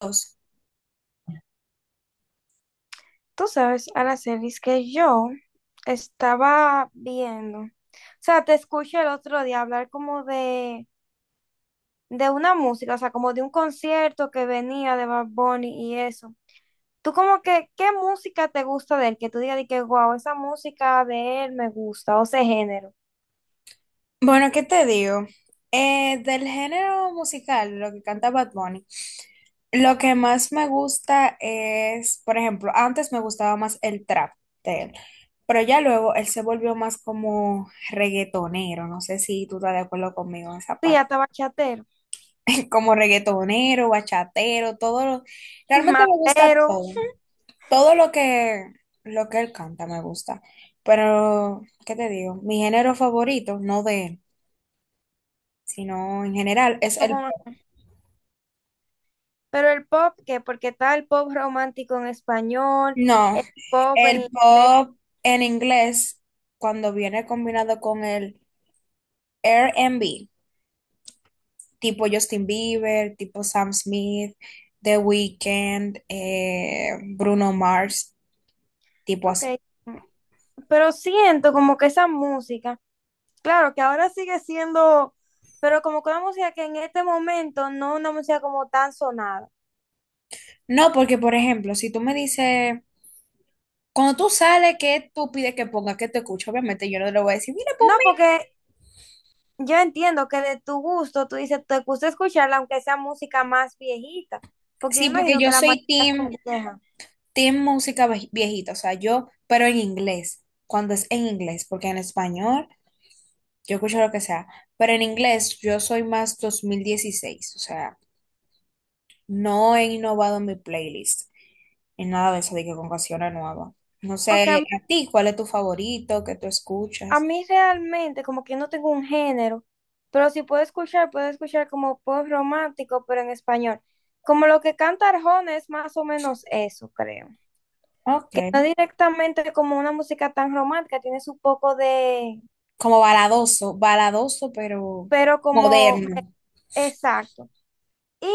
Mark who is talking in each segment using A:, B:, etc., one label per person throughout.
A: Dios.
B: Tú sabes, Aracelis, que yo estaba viendo, te escuché el otro día hablar como de una música, o sea, como de un concierto que venía de Bad Bunny y eso. Tú como que, ¿qué música te gusta de él? Que tú digas de que, wow, esa música de él me gusta, o ese género.
A: Bueno, ¿qué te digo? Del género musical, lo que canta Bad Bunny, lo que más me gusta es, por ejemplo, antes me gustaba más el trap de él, pero ya luego él se volvió más como reggaetonero, no sé si tú estás de acuerdo conmigo en esa
B: Sí,
A: parte.
B: hasta bachatero,
A: Como reggaetonero, bachatero, realmente me gusta
B: mamero,
A: todo, todo lo que él canta me gusta, pero, ¿qué te digo? Mi género favorito, no de él, sino en general. Es el,
B: como... Pero el pop, ¿qué? Porque está el pop romántico en español,
A: no,
B: el pop
A: el
B: en inglés.
A: pop en inglés, cuando viene combinado con el R&B, tipo Justin Bieber, tipo Sam Smith, The Weeknd, Bruno Mars, tipo
B: Ok.
A: así.
B: Pero siento como que esa música, claro que ahora sigue siendo, pero como que una música que en este momento no es una música como tan sonada.
A: No, porque por ejemplo, si tú me dices, cuando tú sales, ¿qué tú pides que ponga, que te escucho? Obviamente yo no le voy a decir, mira,
B: No,
A: ponme.
B: porque yo entiendo que de tu gusto, tú dices, te gusta escucharla, aunque sea música más viejita, porque yo
A: Sí, porque
B: imagino que
A: yo
B: la
A: soy
B: mayoría son
A: team,
B: viejas.
A: team música viejita, o sea, yo, pero en inglés, cuando es en inglés, porque en español, yo escucho lo que sea, pero en inglés yo soy más 2016, o sea, no he innovado mi playlist en nada de eso, de que con canciones nuevas. No
B: Porque a
A: sé,
B: mí,
A: a ti, ¿cuál es tu favorito que tú
B: a
A: escuchas?
B: mí realmente, como que no tengo un género, pero si puedo escuchar, puedo escuchar como pop romántico, pero en español. Como lo que canta Arjona es más o menos eso, creo.
A: Ok,
B: Que no directamente como una música tan romántica, tiene su poco de,
A: como baladoso, baladoso, pero
B: pero como,
A: moderno.
B: exacto. Y,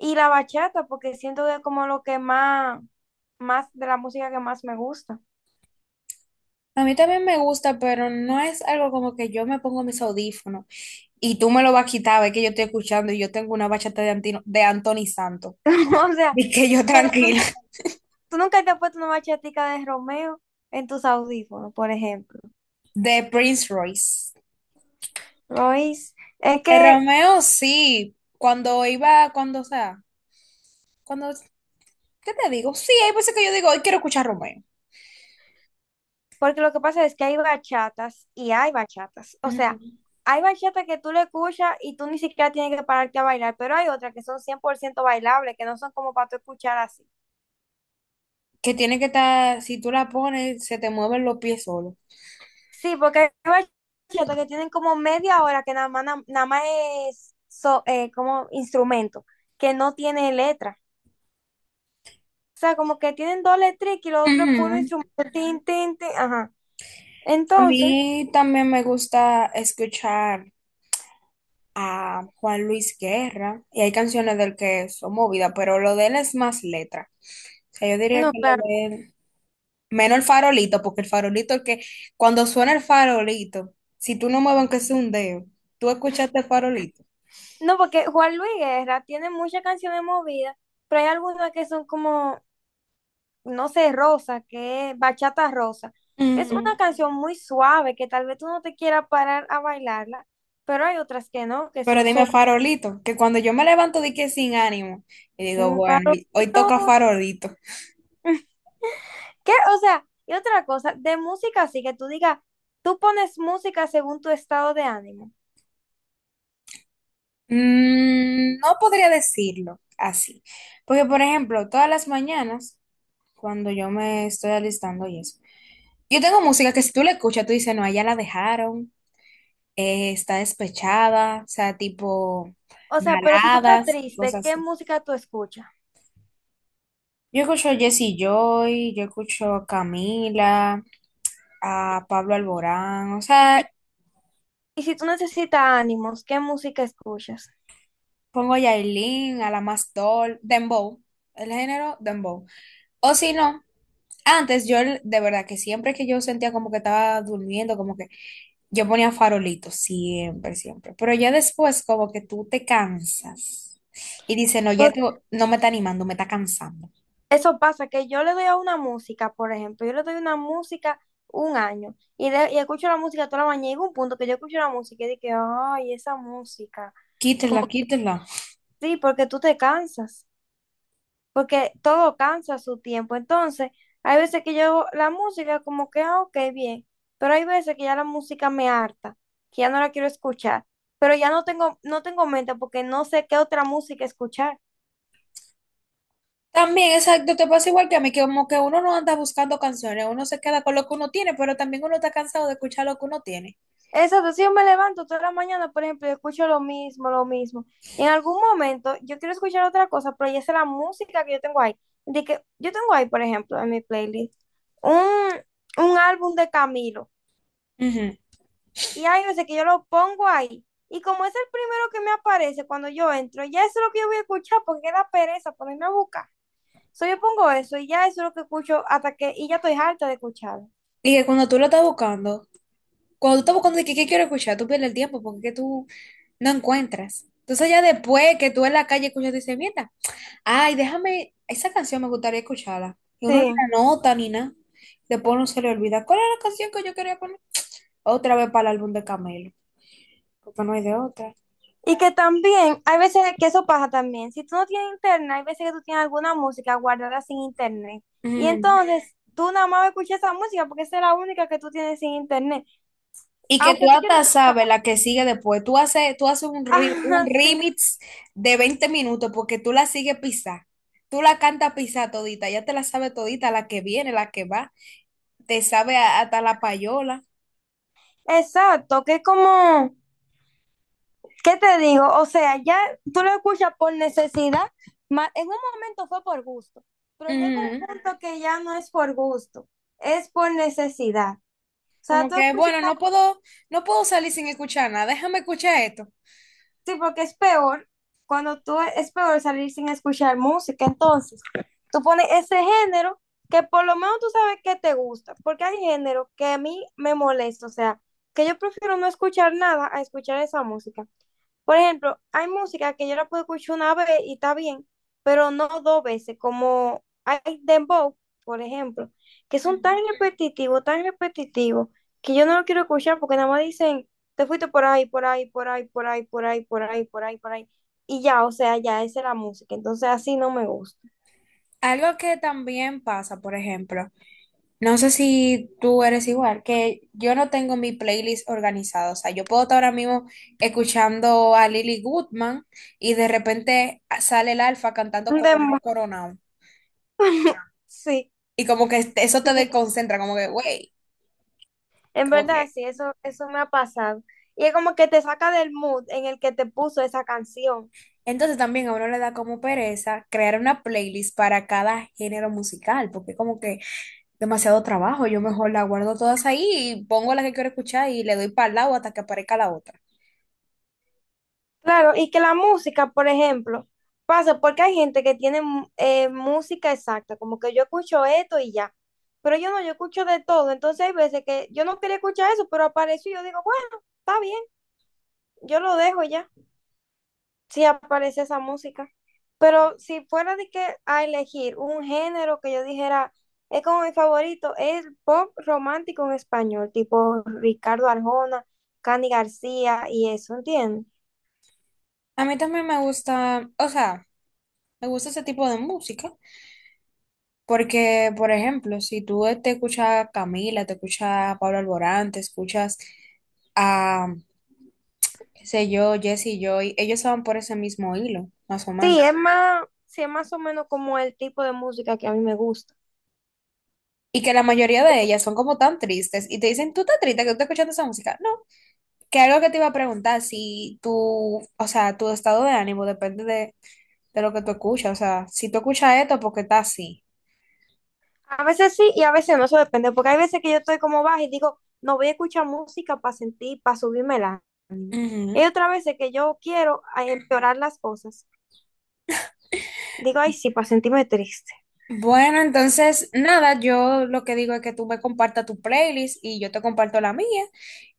B: y la bachata, porque siento que es como lo que más, más de la música que más me gusta.
A: A mí también me gusta, pero no es algo como que yo me pongo mis audífonos y tú me lo vas a quitar, ves que yo estoy escuchando y yo tengo una bachata de Anthony Santos.
B: O sea,
A: Y que yo
B: que tú,
A: tranquila,
B: tú nunca te has puesto una bachatica de Romeo en tus audífonos, por ejemplo.
A: de Prince Royce.
B: Royce, es
A: De
B: que,
A: Romeo, sí. Cuando iba, cuando, o sea, cuando, ¿qué te digo? Sí, hay veces que yo digo, hoy quiero escuchar Romeo.
B: porque lo que pasa es que hay bachatas y hay bachatas. O
A: Ujú.
B: sea, hay bachatas que tú le escuchas y tú ni siquiera tienes que pararte a bailar, pero hay otras que son 100% bailables, que no son como para tú escuchar así.
A: Que tiene que estar, si tú la pones, se te mueven los pies solos.
B: Sí, porque hay bachilleratos que tienen como media hora que nada más, nada más es como instrumento, que no tiene letra. O sea, como que tienen dos letras y lo otro es puro instrumento.
A: Ujú.
B: Tin, tin, tin, ajá.
A: A
B: Entonces,
A: mí también me gusta escuchar a Juan Luis Guerra, y hay canciones del que son movidas, pero lo de él es más letra. O sea, yo diría que
B: no, claro.
A: lo de él. Menos el farolito, porque el farolito, el que cuando suena el farolito, si tú no mueves aunque sea un dedo, tú escuchaste el farolito.
B: No, porque Juan Luis Guerra tiene muchas canciones movidas, pero hay algunas que son como, no sé, rosa, que es bachata rosa, que es
A: Mm.
B: una canción muy suave, que tal vez tú no te quieras parar a bailarla, pero hay otras que no, que
A: Pero
B: son
A: dime
B: súper...
A: farolito, que cuando yo me levanto de que sin ánimo, y digo,
B: Un
A: bueno, hoy toca farolito.
B: ¿Qué? O sea, y otra cosa, de música así que tú digas, tú pones música según tu estado de ánimo.
A: Mm, no podría decirlo así. Porque, por ejemplo, todas las mañanas, cuando yo me estoy alistando y eso, yo tengo música que si tú la escuchas, tú dices, no, allá la dejaron, está despechada, o sea, tipo
B: O sea, pero si tú estás
A: baladas y
B: triste,
A: cosas
B: ¿qué
A: así.
B: música tú escuchas?
A: Yo escucho a Jesse Joy, yo escucho a Camila, a Pablo Alborán, o
B: Y,
A: sea,
B: y si tú necesitas ánimos, ¿qué música escuchas?
A: pongo a Yailin, a la más doll, Dembow, el género Dembow. O si no, antes yo de verdad que siempre que yo sentía como que estaba durmiendo, como que yo ponía farolitos, siempre, siempre. Pero ya después como que tú te cansas y dices, no, ya
B: Porque
A: no me está animando, me está cansando.
B: eso pasa, que yo le doy a una música, por ejemplo, yo le doy una música un año y escucho la música toda la mañana y llega un punto que yo escucho la música y dije, ay, esa música. Como
A: Quítela, quítela.
B: que sí, porque tú te cansas. Porque todo cansa a su tiempo. Entonces, hay veces que yo la música como que, ah, ok, bien, pero hay veces que ya la música me harta, que ya no la quiero escuchar, pero ya no tengo mente porque no sé qué otra música escuchar.
A: También, exacto, te pasa igual que a mí, que como que uno no anda buscando canciones, uno se queda con lo que uno tiene, pero también uno está cansado de escuchar lo que uno tiene.
B: Exacto, si yo me levanto toda la mañana, por ejemplo, y escucho lo mismo, lo mismo. En algún momento yo quiero escuchar otra cosa, pero ya es la música que yo tengo ahí. De que yo tengo ahí, por ejemplo, en mi playlist, un, un álbum de Camilo.
A: Ujú.
B: Y hay veces que yo lo pongo ahí. Y como es el primero que me aparece cuando yo entro, ya eso es lo que yo voy a escuchar porque da pereza ponerme a buscar. So, yo pongo eso y ya eso es lo que escucho hasta que, y ya estoy harta de escucharlo.
A: Y que cuando tú lo estás buscando, cuando tú estás buscando de que qué quiero escuchar, tú pierdes el tiempo porque es que tú no encuentras. Entonces ya después que tú en la calle escuchas, dices, mierda, ay, déjame, esa canción me gustaría escucharla. Y uno ni
B: Sí.
A: la nota ni nada. Después uno se le olvida, ¿cuál era la canción que yo quería poner? Otra vez para el álbum de Camelo, porque no hay de otra.
B: Y que también, hay veces que eso pasa también. Si tú no tienes internet, hay veces que tú tienes alguna música guardada sin internet. Y
A: Ujú.
B: entonces, tú nada más escuchas esa música porque esa es la única que tú tienes sin internet.
A: Y que
B: Aunque
A: tú
B: tú quieras
A: hasta
B: escuchar.
A: sabes la que sigue después. Tú haces un, un
B: Ah, sí.
A: remix de 20 minutos porque tú la sigues pisar. Tú la cantas pisar todita. Ya te la sabes todita, la que viene, la que va. Te sabe hasta la payola.
B: Exacto, que es como, ¿qué te digo? O sea, ya tú lo escuchas por necesidad, en un momento fue por gusto, pero llega
A: Ujú.
B: un punto que ya no es por gusto, es por necesidad. O sea,
A: Como
B: tú
A: que,
B: escuchas,
A: bueno, no puedo, no puedo salir sin escuchar nada. Déjame escuchar esto.
B: sí, porque es peor, cuando tú es peor salir sin escuchar música, entonces tú pones ese género que por lo menos tú sabes que te gusta, porque hay género que a mí me molesta, o sea, que yo prefiero no escuchar nada a escuchar esa música. Por ejemplo, hay música que yo la puedo escuchar una vez y está bien, pero no dos veces, como hay dembow, por ejemplo, que son
A: Ujú.
B: tan repetitivos, que yo no lo quiero escuchar porque nada más dicen, te fuiste por ahí, por ahí, por ahí, por ahí, por ahí, por ahí, por ahí, por ahí. Y ya, o sea, ya, esa es la música. Entonces así no me gusta.
A: Algo que también pasa, por ejemplo. No sé si tú eres igual, que yo no tengo mi playlist organizada. O sea, yo puedo estar ahora mismo escuchando a Lily Goodman y de repente sale el Alfa cantando
B: Un
A: Coronao,
B: dembow,
A: Coronao.
B: sí.
A: Y como que eso te desconcentra, como que, güey,
B: En
A: como que.
B: verdad, sí, eso me ha pasado. Y es como que te saca del mood en el que te puso esa canción.
A: Entonces también a uno le da como pereza crear una playlist para cada género musical, porque como que demasiado trabajo. Yo mejor la guardo todas ahí y pongo la que quiero escuchar y le doy para el lado hasta que aparezca la otra.
B: Claro, y que la música, por ejemplo, pasa porque hay gente que tiene música exacta, como que yo escucho esto y ya. Pero yo no, yo escucho de todo. Entonces hay veces que yo no quería escuchar eso, pero apareció y yo digo, bueno, está bien, yo lo dejo ya. Sí aparece esa música. Pero si fuera de que a elegir un género que yo dijera es como mi favorito, es el pop romántico en español, tipo Ricardo Arjona, Cani García y eso, ¿entiendes?
A: A mí también me gusta, o sea. Me gusta ese tipo de música, porque, por ejemplo, si tú te escuchas a Camila, te escuchas a Pablo Alborán, te escuchas a, qué sé yo, Jesse Joy, ellos van por ese mismo hilo, más o menos.
B: Sí, es más o menos como el tipo de música que a mí me gusta.
A: Y que la mayoría de ellas son como tan tristes y te dicen, ¿tú estás triste que tú estás escuchando esa música? No, que algo que te iba a preguntar, si tú, o sea, tu estado de ánimo depende de lo que tú escuchas, o sea, si tú escuchas esto porque estás así.
B: A veces sí y a veces no, eso depende, porque hay veces que yo estoy como baja y digo, no voy a escuchar música para sentir, para subirme el ánimo. Y hay
A: Ujú.
B: otras veces que yo quiero empeorar las cosas. Digo, ay, sí, para sentirme triste.
A: Bueno, entonces, nada, yo lo que digo es que tú me compartas tu playlist y yo te comparto la mía.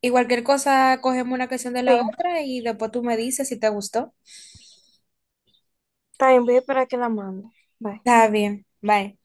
A: Y cualquier cosa, cogemos una canción de
B: Sí,
A: la otra y después tú me dices si te gustó.
B: también voy a esperar que la mande. Bye.
A: Está bien, bye.